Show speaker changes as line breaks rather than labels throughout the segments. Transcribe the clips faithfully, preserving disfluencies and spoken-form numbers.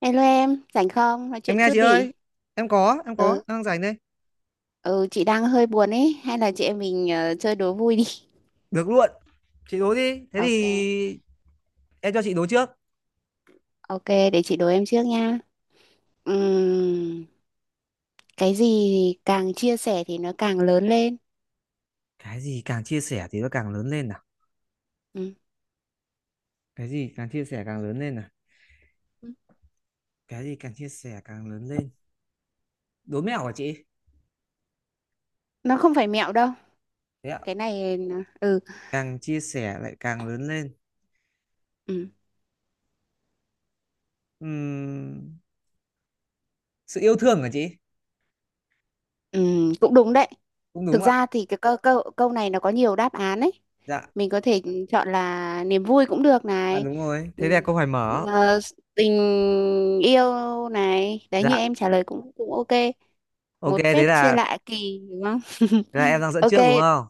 Hello em, rảnh không? Nói
Em
chuyện
nghe
chút
chị
đi.
ơi. Em có em có em
Ừ,
đang rảnh đây.
ừ chị đang hơi buồn ấy, hay là chị em mình ờ, chơi đố vui đi.
Được luôn. Chị đố đi thế
Ok,
thì. Em cho chị đố trước.
ok, để chị đố em trước nha. Ừm, cái gì thì càng chia sẻ thì nó càng lớn lên.
Cái gì càng chia sẻ thì nó càng lớn lên nào?
Ừ.
Cái gì càng chia sẻ càng lớn lên nào? Cái gì càng chia sẻ càng lớn lên? Đố mẹo hả chị?
Nó không phải mẹo đâu.
Thế ạ?
Cái này nó- ừ,
Càng chia sẻ lại càng lớn lên.
ừ,
Ừm, sự yêu thương hả chị?
ừ, cũng đúng đấy.
Cũng
Thực
đúng ạ.
ra thì cái câu câu câu này nó có nhiều đáp án ấy.
Dạ.
Mình có thể chọn là niềm vui cũng được
À
này.
đúng rồi, thế
Ừm,
là câu hỏi mở.
ờ, tình yêu này. Đấy như
Dạ.
em trả lời cũng cũng ok.
Ok,
Một
thế
phép chia
là
lạ kỳ đúng không?
thế là em đang dẫn
Ok,
trước đúng không?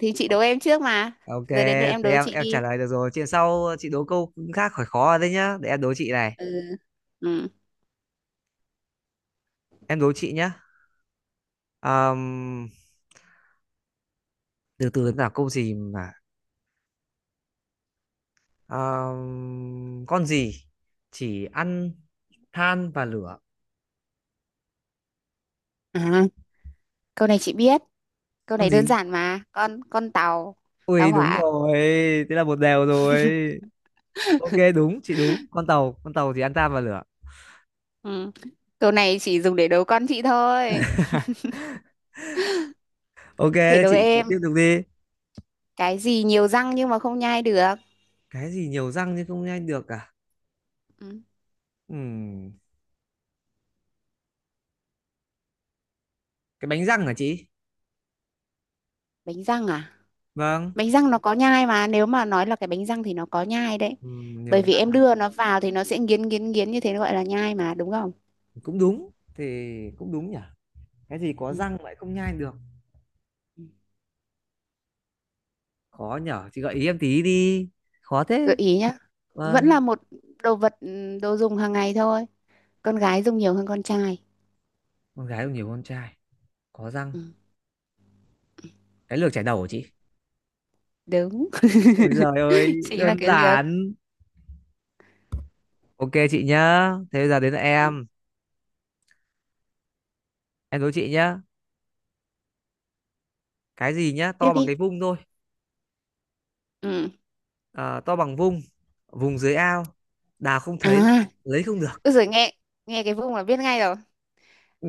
thì chị đố em trước mà.
Ok,
Giờ đến lượt em
thế
đố
em
chị
em trả
đi.
lời được rồi. Chuyện sau chị đố câu khác khỏi khó đấy nhá. Để em đố chị này.
Ừ. Ừ.
Em đố chị nhá. Ờm, từ từ là câu gì mà Ờm, con gì chỉ ăn than và lửa?
À, câu này chị biết. Câu
Con
này đơn
gì?
giản mà. Con con tàu, tàu
Ui đúng
hỏa.
rồi. Thế là một đều rồi. Ok đúng, chị đúng. Con tàu, con tàu thì ăn than và lửa.
Ừ. Câu này chỉ dùng để đố con chị thôi.
Ok,
Phải
thế
đố
chị chị tiếp
em.
tục đi.
Cái gì nhiều răng nhưng mà không nhai được?
Cái gì nhiều răng nhưng không nhanh được à?
Ừ.
Ừm, cái bánh răng hả chị?
Bánh răng à?
Vâng.
Bánh răng nó có nhai mà, nếu mà nói là cái bánh răng thì nó có nhai đấy,
Ừm,
bởi
nhiều
vì
răng.
em đưa nó vào thì nó sẽ nghiến nghiến nghiến như thế, nó gọi là nhai mà, đúng không?
Cũng đúng thì cũng đúng nhỉ. Cái gì có
Ừ.
răng lại không nhai được?
Ừ.
Khó nhở, chị gợi ý em tí đi. Khó
Gợi
thế.
ý nhá. Vẫn
Vâng.
là một đồ vật, ừ, đồ dùng hàng ngày thôi. Con gái dùng nhiều hơn con trai.
Con gái cũng nhiều con trai. Có răng.
Ừ.
Cái lược chải đầu của chị.
Đúng.
Ôi giời ơi,
Chính là
đơn
cái lược.
giản. Ok chị nhá, thế bây giờ đến là
Ừ.
em. Em đố chị nhá. Cái gì nhá
Tiếp
to bằng
đi.
cái vung thôi.
Ừ.
Ờ, to bằng vung, vùng dưới ao, đào không thấy,
À,
lấy không được.
rồi, nghe nghe cái vùng là biết ngay rồi.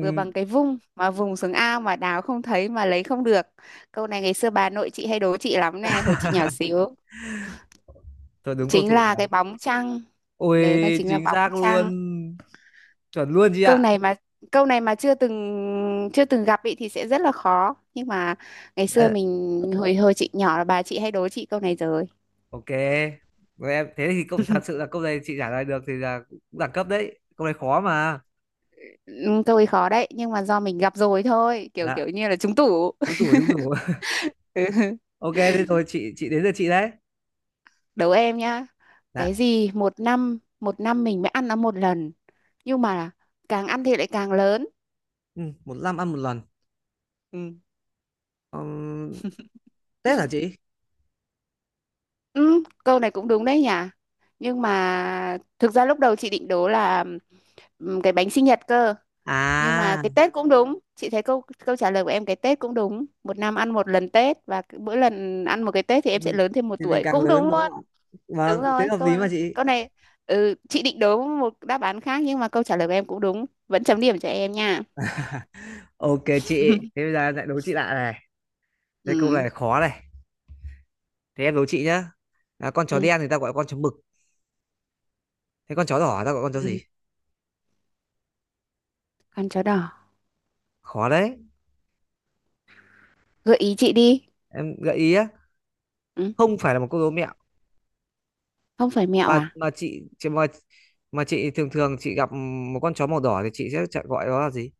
Vừa bằng cái vung mà vùng xuống ao mà đào không thấy mà lấy không được. Câu này ngày xưa bà nội chị hay đố chị lắm nè, hồi chị nhỏ xíu.
thôi đúng câu
Chính
tủ
là
rồi.
cái bóng trăng.
Ôi
Đấy là chính là
chính
bóng
xác luôn,
trăng.
chuẩn luôn chị
Câu
ạ.
này mà, câu này mà chưa từng chưa từng gặp ý thì sẽ rất là khó, nhưng mà ngày xưa
Đấy.
mình hồi hồi chị nhỏ là bà chị hay đố chị câu này rồi.
Ok, rồi em thế thì câu, thật sự là câu này chị trả lời được thì là cũng đẳng cấp đấy. Câu này khó mà.
Ừ, câu ấy khó đấy, nhưng mà do mình gặp rồi thôi, kiểu
Dạ,
kiểu như là trúng tủ.
trúng tủ trúng tủ. Ok, thế rồi chị chị đến lượt chị đấy.
Đố em nhá.
Dạ.
Cái gì một năm, một năm mình mới ăn nó một lần, nhưng mà càng ăn thì lại càng lớn?
Ừ, một năm ăn một lần.
Ừ.
Ừm, Tết hả chị?
Ừ, câu này cũng đúng đấy nhỉ. Nhưng mà thực ra lúc đầu chị định đố là ừm, cái bánh sinh nhật cơ. Nhưng mà
À,
cái Tết cũng đúng. Chị thấy câu câu trả lời của em cái Tết cũng đúng. Một năm ăn một lần Tết, và cứ mỗi lần ăn một cái Tết thì em sẽ
mình
lớn thêm một
thì mình
tuổi.
càng
Cũng đúng
lớn đúng
luôn.
không ạ?
Đúng
Vâng, thế
rồi.
hợp
Câu
lý mà chị.
câu này, ừ, chị định đố một đáp án khác, nhưng mà câu trả lời của em cũng đúng. Vẫn chấm điểm cho em nha.
Ok chị, thế bây giờ em lại đố chị lại này. Thế câu
Ừ.
này khó này. Thế em đố chị nhá. À, con chó
Ừ.
đen thì ta gọi là con chó mực. Thế con chó đỏ ta gọi là con chó
Ừ.
gì?
Con chó đỏ.
Khó đấy.
Gợi ý chị đi.
Em gợi ý á,
Ừ.
không phải là một câu đố mẹo
Không phải mẹo
mà
à?
mà chị chị mà mà chị thường thường chị gặp một con chó màu đỏ thì chị sẽ chả- gọi nó là gì.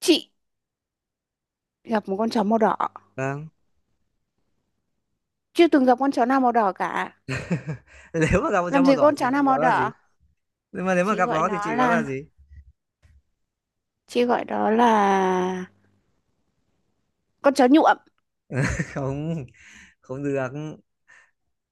Chị gặp một con chó màu đỏ?
Vâng.
Chưa từng gặp con chó nào màu đỏ cả.
Nếu mà gặp con chó
Làm gì
màu
có
đỏ
con
thì
chó
chị
nào
gọi
màu
nó là gì?
đỏ.
Nhưng mà nếu mà
Chị
gặp
gọi
nó thì
nó
chị gọi nó là
là,
gì?
chị gọi đó là con chó nhuộm.
Không, không được.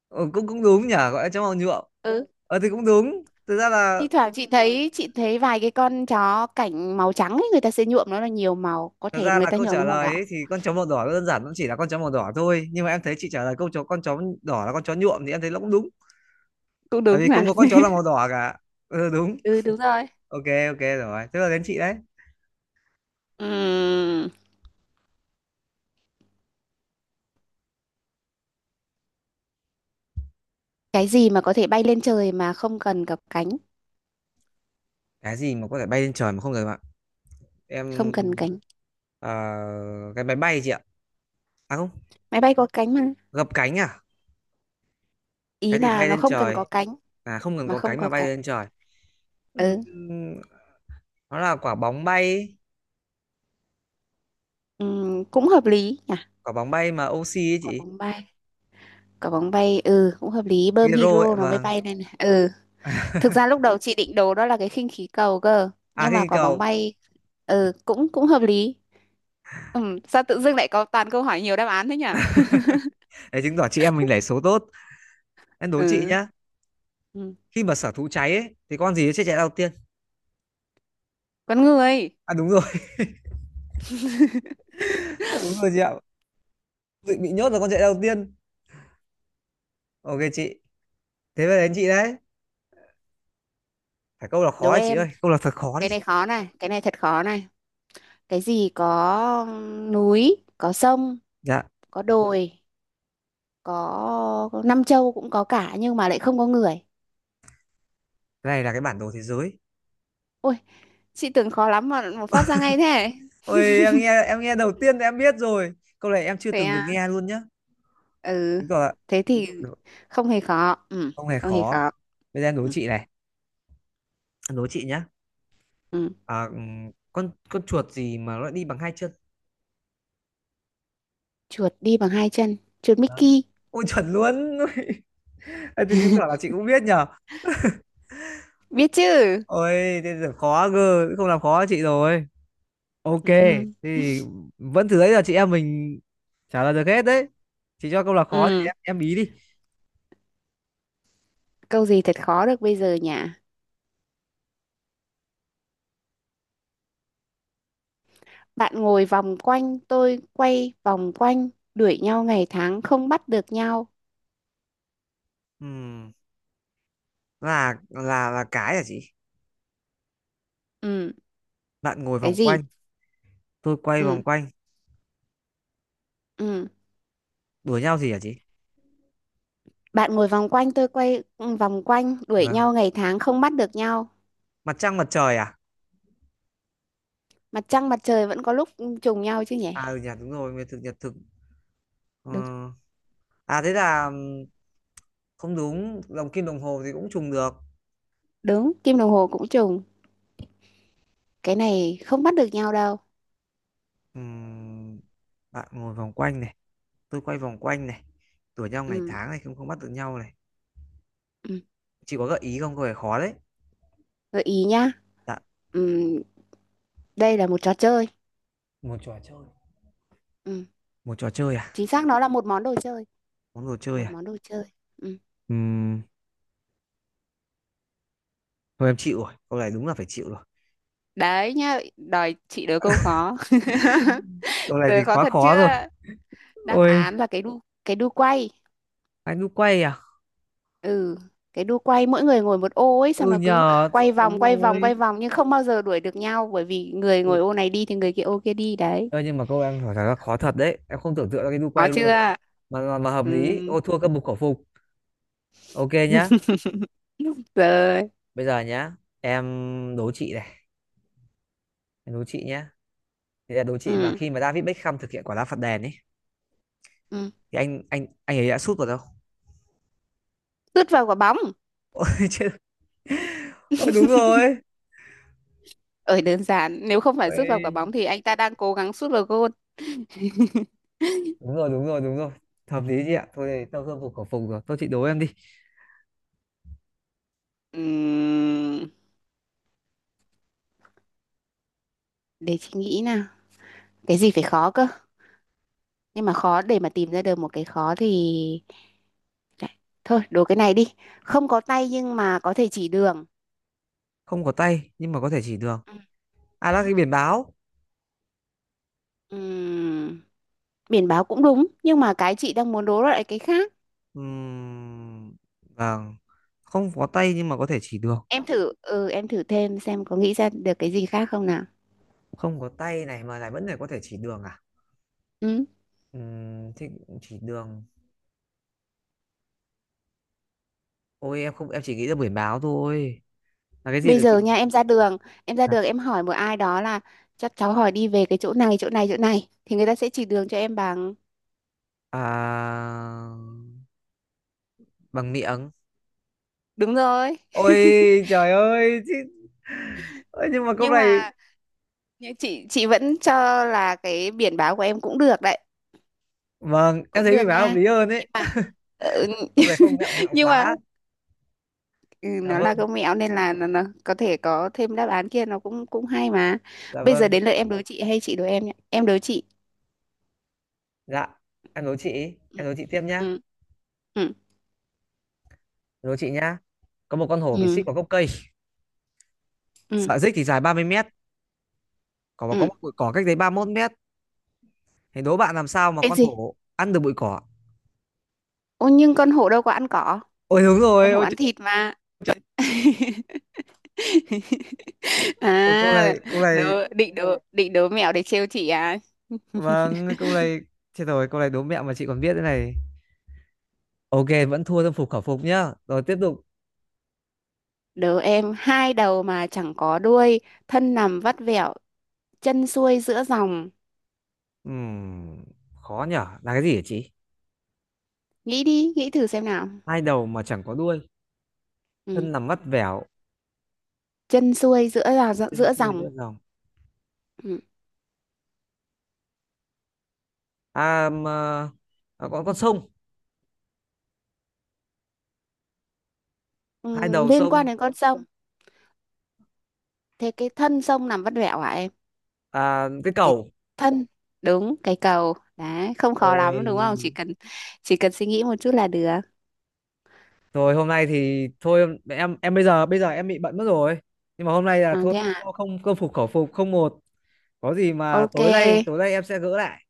Ừ, cũng cũng đúng nhỉ, gọi là chó màu nhuộm.
Ừ,
Ờ thì cũng đúng thực ra là.
thi thoảng chị thấy chị thấy vài cái con chó cảnh màu trắng ấy, người ta sẽ nhuộm nó là nhiều màu, có
Thật
thể
ra
người
là
ta
câu
nhuộm
trả
nó màu đỏ.
lời ấy, thì con chó màu đỏ nó đơn giản nó chỉ là con chó màu đỏ thôi, nhưng mà em thấy chị trả lời câu chó con chó đỏ là con chó nhuộm thì em thấy nó cũng đúng.
Cũng
Bởi
đúng
vì
mà.
không có con chó là màu đỏ cả. Ừ, đúng.
Ừ, đúng rồi.
Ok. Ok rồi, tức là đến chị đấy.
Ừm, cái gì mà có thể bay lên trời mà không cần gặp cánh?
Cái gì mà có thể bay lên trời mà không cần? Em.
Không cần cánh.
ờ, cái máy bay chị ạ. À không.
Máy bay có cánh mà.
Gập cánh à?
Ý
Cái gì
là
bay
nó
lên
không cần có
trời?
cánh,
À không cần
mà
có
không
cánh mà
có
bay
cánh.
lên trời. Ừm,
Ừ.
nó là quả bóng bay ấy.
Ừm, cũng hợp lý nhỉ.
Quả bóng bay mà oxy ấy
Quả
chị.
bóng bay. Quả bóng bay, ừ, cũng hợp lý, bơm
Hero ấy
hydro nó mới
vâng.
bay lên này. Ừ, thực ra lúc đầu chị định đồ đó là cái khinh khí cầu cơ,
À
nhưng
khinh
mà
khí
quả bóng
cầu.
bay ừ cũng cũng hợp lý. Ừ, sao tự dưng lại có toàn câu hỏi nhiều đáp án thế nhỉ?
Để chứng tỏ chị em mình lẻ số tốt. Em đố chị
Ừ,
nhá.
ừ.
Khi mà sở thú cháy ấy thì con gì sẽ chạy đầu tiên?
Con người.
À đúng rồi. Đúng rồi chị ạ. Bị bị nhốt là con chạy đầu tiên. Ok chị, thế về đến chị đấy. Phải câu là
Đố
khó đấy chị
em.
ơi, câu là thật khó
Cái
đi.
này khó này, cái này thật khó này. Cái gì có núi, có sông,
Dạ.
có đồi, có năm châu cũng có cả, nhưng mà lại không có người?
Cái này là cái bản đồ thế giới.
Ôi, chị tưởng khó lắm mà mà phát ra ngay thế.
Ôi em nghe em nghe đầu tiên thì em biết rồi. Câu này em chưa
Thế
từng được
à?
nghe luôn nhá.
Ừ.
Chứng tỏ là
Thế thì
đố-
không hề khó. Ừ,
không hề
không hề
khó.
khó.
Bây giờ em đố
Ừ.
chị này, em đố chị nhá.
Ừ.
À, ừm, con con chuột gì mà nó đi bằng hai chân?
Chuột đi bằng hai chân? Chuột
Đó.
Mickey.
Ôi chuẩn luôn. Ôi, thế thì chứng tỏ là chị cũng biết nhở.
Biết chứ.
Ôi thế giờ khó cơ, không làm khó chị rồi. Ok,
Ừ.
thế thì vẫn thử đấy là chị em mình trả lời được hết đấy. Chị cho câu là khó thì
Ừ,
em em bí đi.
câu gì thật khó được bây giờ nhỉ? Bạn ngồi vòng quanh, tôi quay vòng quanh, đuổi nhau ngày tháng không bắt được nhau.
Ừm, là là là cái hả chị?
Ừ.
Bạn ngồi
Cái
vòng
gì?
quanh, tôi quay vòng
Ừ.
quanh,
Ừ.
đuổi nhau gì hả chị?
Bạn ngồi vòng quanh, tôi quay, ừ, vòng quanh, đuổi
Vâng.
nhau ngày tháng không bắt được nhau.
Mặt trăng mặt trời à?
Mặt trăng mặt trời vẫn có lúc trùng nhau chứ nhỉ?
À ừ nhỉ, đúng rồi, nguyệt thực nhật thực. Ờ,
Đúng.
à thế là ừm, không đúng, đồng kim đồng hồ thì cũng trùng được.
Đúng, kim đồng hồ cũng trùng. Cái này không bắt được nhau đâu.
Ừm, bạn ngồi vòng quanh này, tôi quay vòng quanh này, đùa nhau ngày
Ừ,
tháng này, không không bắt được nhau này.
ừ.
Chị có gợi ý không? Có vẻ khó đấy.
Gợi ý nhá.
Dạ.
Ừ, đây là một trò chơi.
Một trò chơi.
Ừ,
Một trò chơi à?
chính xác nó là một món đồ chơi,
Món đồ chơi
một
à?
món đồ chơi. Ừ.
Ừm, thôi em chịu rồi, câu này đúng là phải chịu rồi.
Đấy nhá, đòi chị đố câu khó.
Câu này thì
Từ khó
quá
thật chưa?
khó rồi.
Đáp
Ôi,
án là cái đu, cái đu quay.
anh đu quay à?
Ừ, cái đu quay, mỗi người ngồi một ô ấy, xong
Ừ
nó cứ
nhờ,
quay vòng
đúng
quay vòng quay
rồi.
vòng nhưng không bao giờ đuổi được nhau, bởi vì người ngồi
Ừ.
ô này đi thì người kia ô kia đi đấy.
Ơ nhưng mà câu em hỏi thật là khó thật đấy. Em không tưởng tượng ra cái đu quay
Có chưa?
luôn. Mà mà, mà hợp
Ừ.
lý. Ô thua cơm bục khẩu phục. Ok nhá.
Rồi.
Bây giờ nhá. Em đố chị này. Em đố chị nhá. Thì là đố chị mà
Ừ.
khi mà David Beckham thực hiện quả đá phạt đền ấy
Ừ.
thì anh anh anh ấy đã sút vào đâu?
Sút vào quả bóng.
Ôi chết. Ôi đúng rồi.
Ở đơn giản, nếu không phải sút vào quả
Ôi,
bóng thì anh ta đang cố gắng sút vào gôn.
đúng rồi đúng rồi đúng rồi. Hợp lý chị ạ. Thôi thì tao cơm bục khẩu phục rồi. Thôi chị đố em đi.
Ừm, để chị nghĩ nào. Cái gì phải khó cơ, nhưng mà khó để mà tìm ra được một cái khó thì, thôi đố cái này đi. Không có tay nhưng mà có thể chỉ đường.
Không có tay nhưng mà có thể chỉ đường.
Ừ.
À là cái biển báo.
Ừm, biển báo cũng đúng nhưng mà cái chị đang muốn đố lại cái khác.
Ừm, Vâng. Không có tay nhưng mà có thể chỉ đường.
Em thử, ừ, em thử thêm xem có nghĩ ra được cái gì khác không nào.
Không có tay này mà lại vẫn phải có thể chỉ đường à?
Ừ.
Ừm, thế chỉ đường. Ôi em không em chỉ nghĩ ra biển báo thôi. Là cái gì
Bây
được chị?
giờ nha, em ra đường, em ra
Dạ.
đường, em hỏi một ai đó là chắc cháu hỏi đi về cái chỗ này chỗ này chỗ này, thì người ta sẽ chỉ đường cho em bằng.
À, bằng miệng.
Đúng rồi.
Ôi trời ơi chứ. Ôi, nhưng mà câu
Nhưng
này.
mà, nhưng chị chị vẫn cho là cái biển báo của em cũng được đấy.
Vâng em
Cũng
thấy biển
được
báo hợp
nha.
lý hơn ấy.
Nhưng mà, ừ,
Câu này không, mẹo mẹo
nhưng mà
quá.
ừ,
Dạ
nó là
vâng.
công mẹo nên là nó, nó có thể có thêm đáp án kia, nó cũng cũng hay mà.
Dạ
Bây giờ
vâng.
đến lượt em đố chị hay chị đố em nhé. Em đố chị.
Dạ. Em đố chị. Em
Ừ.
đố chị tiếp nhá.
Ừ. Ừ.
Em đố chị nhá. Có một con hổ bị xích
Ừ.
vào gốc cây.
Ừ.
Sợi xích thì dài ba mươi mét. Có có
Ừ.
một bụi cỏ cách đấy ba mươi mốt mét. Thì đố bạn làm sao mà
Cái
con
gì?
hổ ăn được bụi cỏ.
Ô nhưng con hổ đâu có ăn cỏ.
Ôi đúng
Con
rồi,
hổ
ôi, trời,
ăn thịt mà.
trời. Ôi câu
À,
này, câu
đố,
này,
định đố, định đố mẹo để trêu chị à?
vâng, câu này, chết rồi, câu này đố mẹo mà chị còn biết thế này. Ok, vẫn thua tâm phục khẩu phục nhá. Rồi tiếp tục.
Đố em hai đầu mà chẳng có đuôi, thân nằm vắt vẹo, chân xuôi giữa dòng.
Ừm, khó nhở, là cái gì hả chị?
Nghĩ đi, nghĩ thử xem nào.
Hai đầu mà chẳng có đuôi,
Ừ.
thân nằm vắt vẻo,
Chân xuôi giữa là
chân
giữa
xuôi
dòng.
giữa dòng.
Ừ.
À, mà, à có con sông, hai
Ừ,
đầu
liên quan
sông,
đến con sông. Thế cái thân sông nằm vắt vẻo hả em?
à, cái
Cái
cầu.
thân. Đúng cái cầu đấy, không khó lắm
Ôi,
đúng không, chỉ cần, chỉ cần suy nghĩ một chút là được.
rồi hôm nay thì thôi em em bây giờ bây giờ em bị bận mất rồi. Nhưng mà hôm nay là
À,
thôi,
thế à.
không không phục khẩu phục không một. Có gì mà
Ok.
tối nay tối nay em sẽ gỡ lại.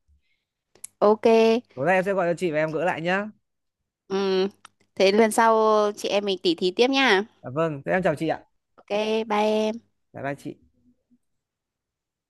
Ok.
Tối nay em sẽ gọi cho chị và em gỡ lại nhá.
Ừ. Thế lần sau chị em mình tỉ thí tiếp nha.
Dạ vâng, thế em chào chị ạ.
Ok, bye em.
Bye bye chị.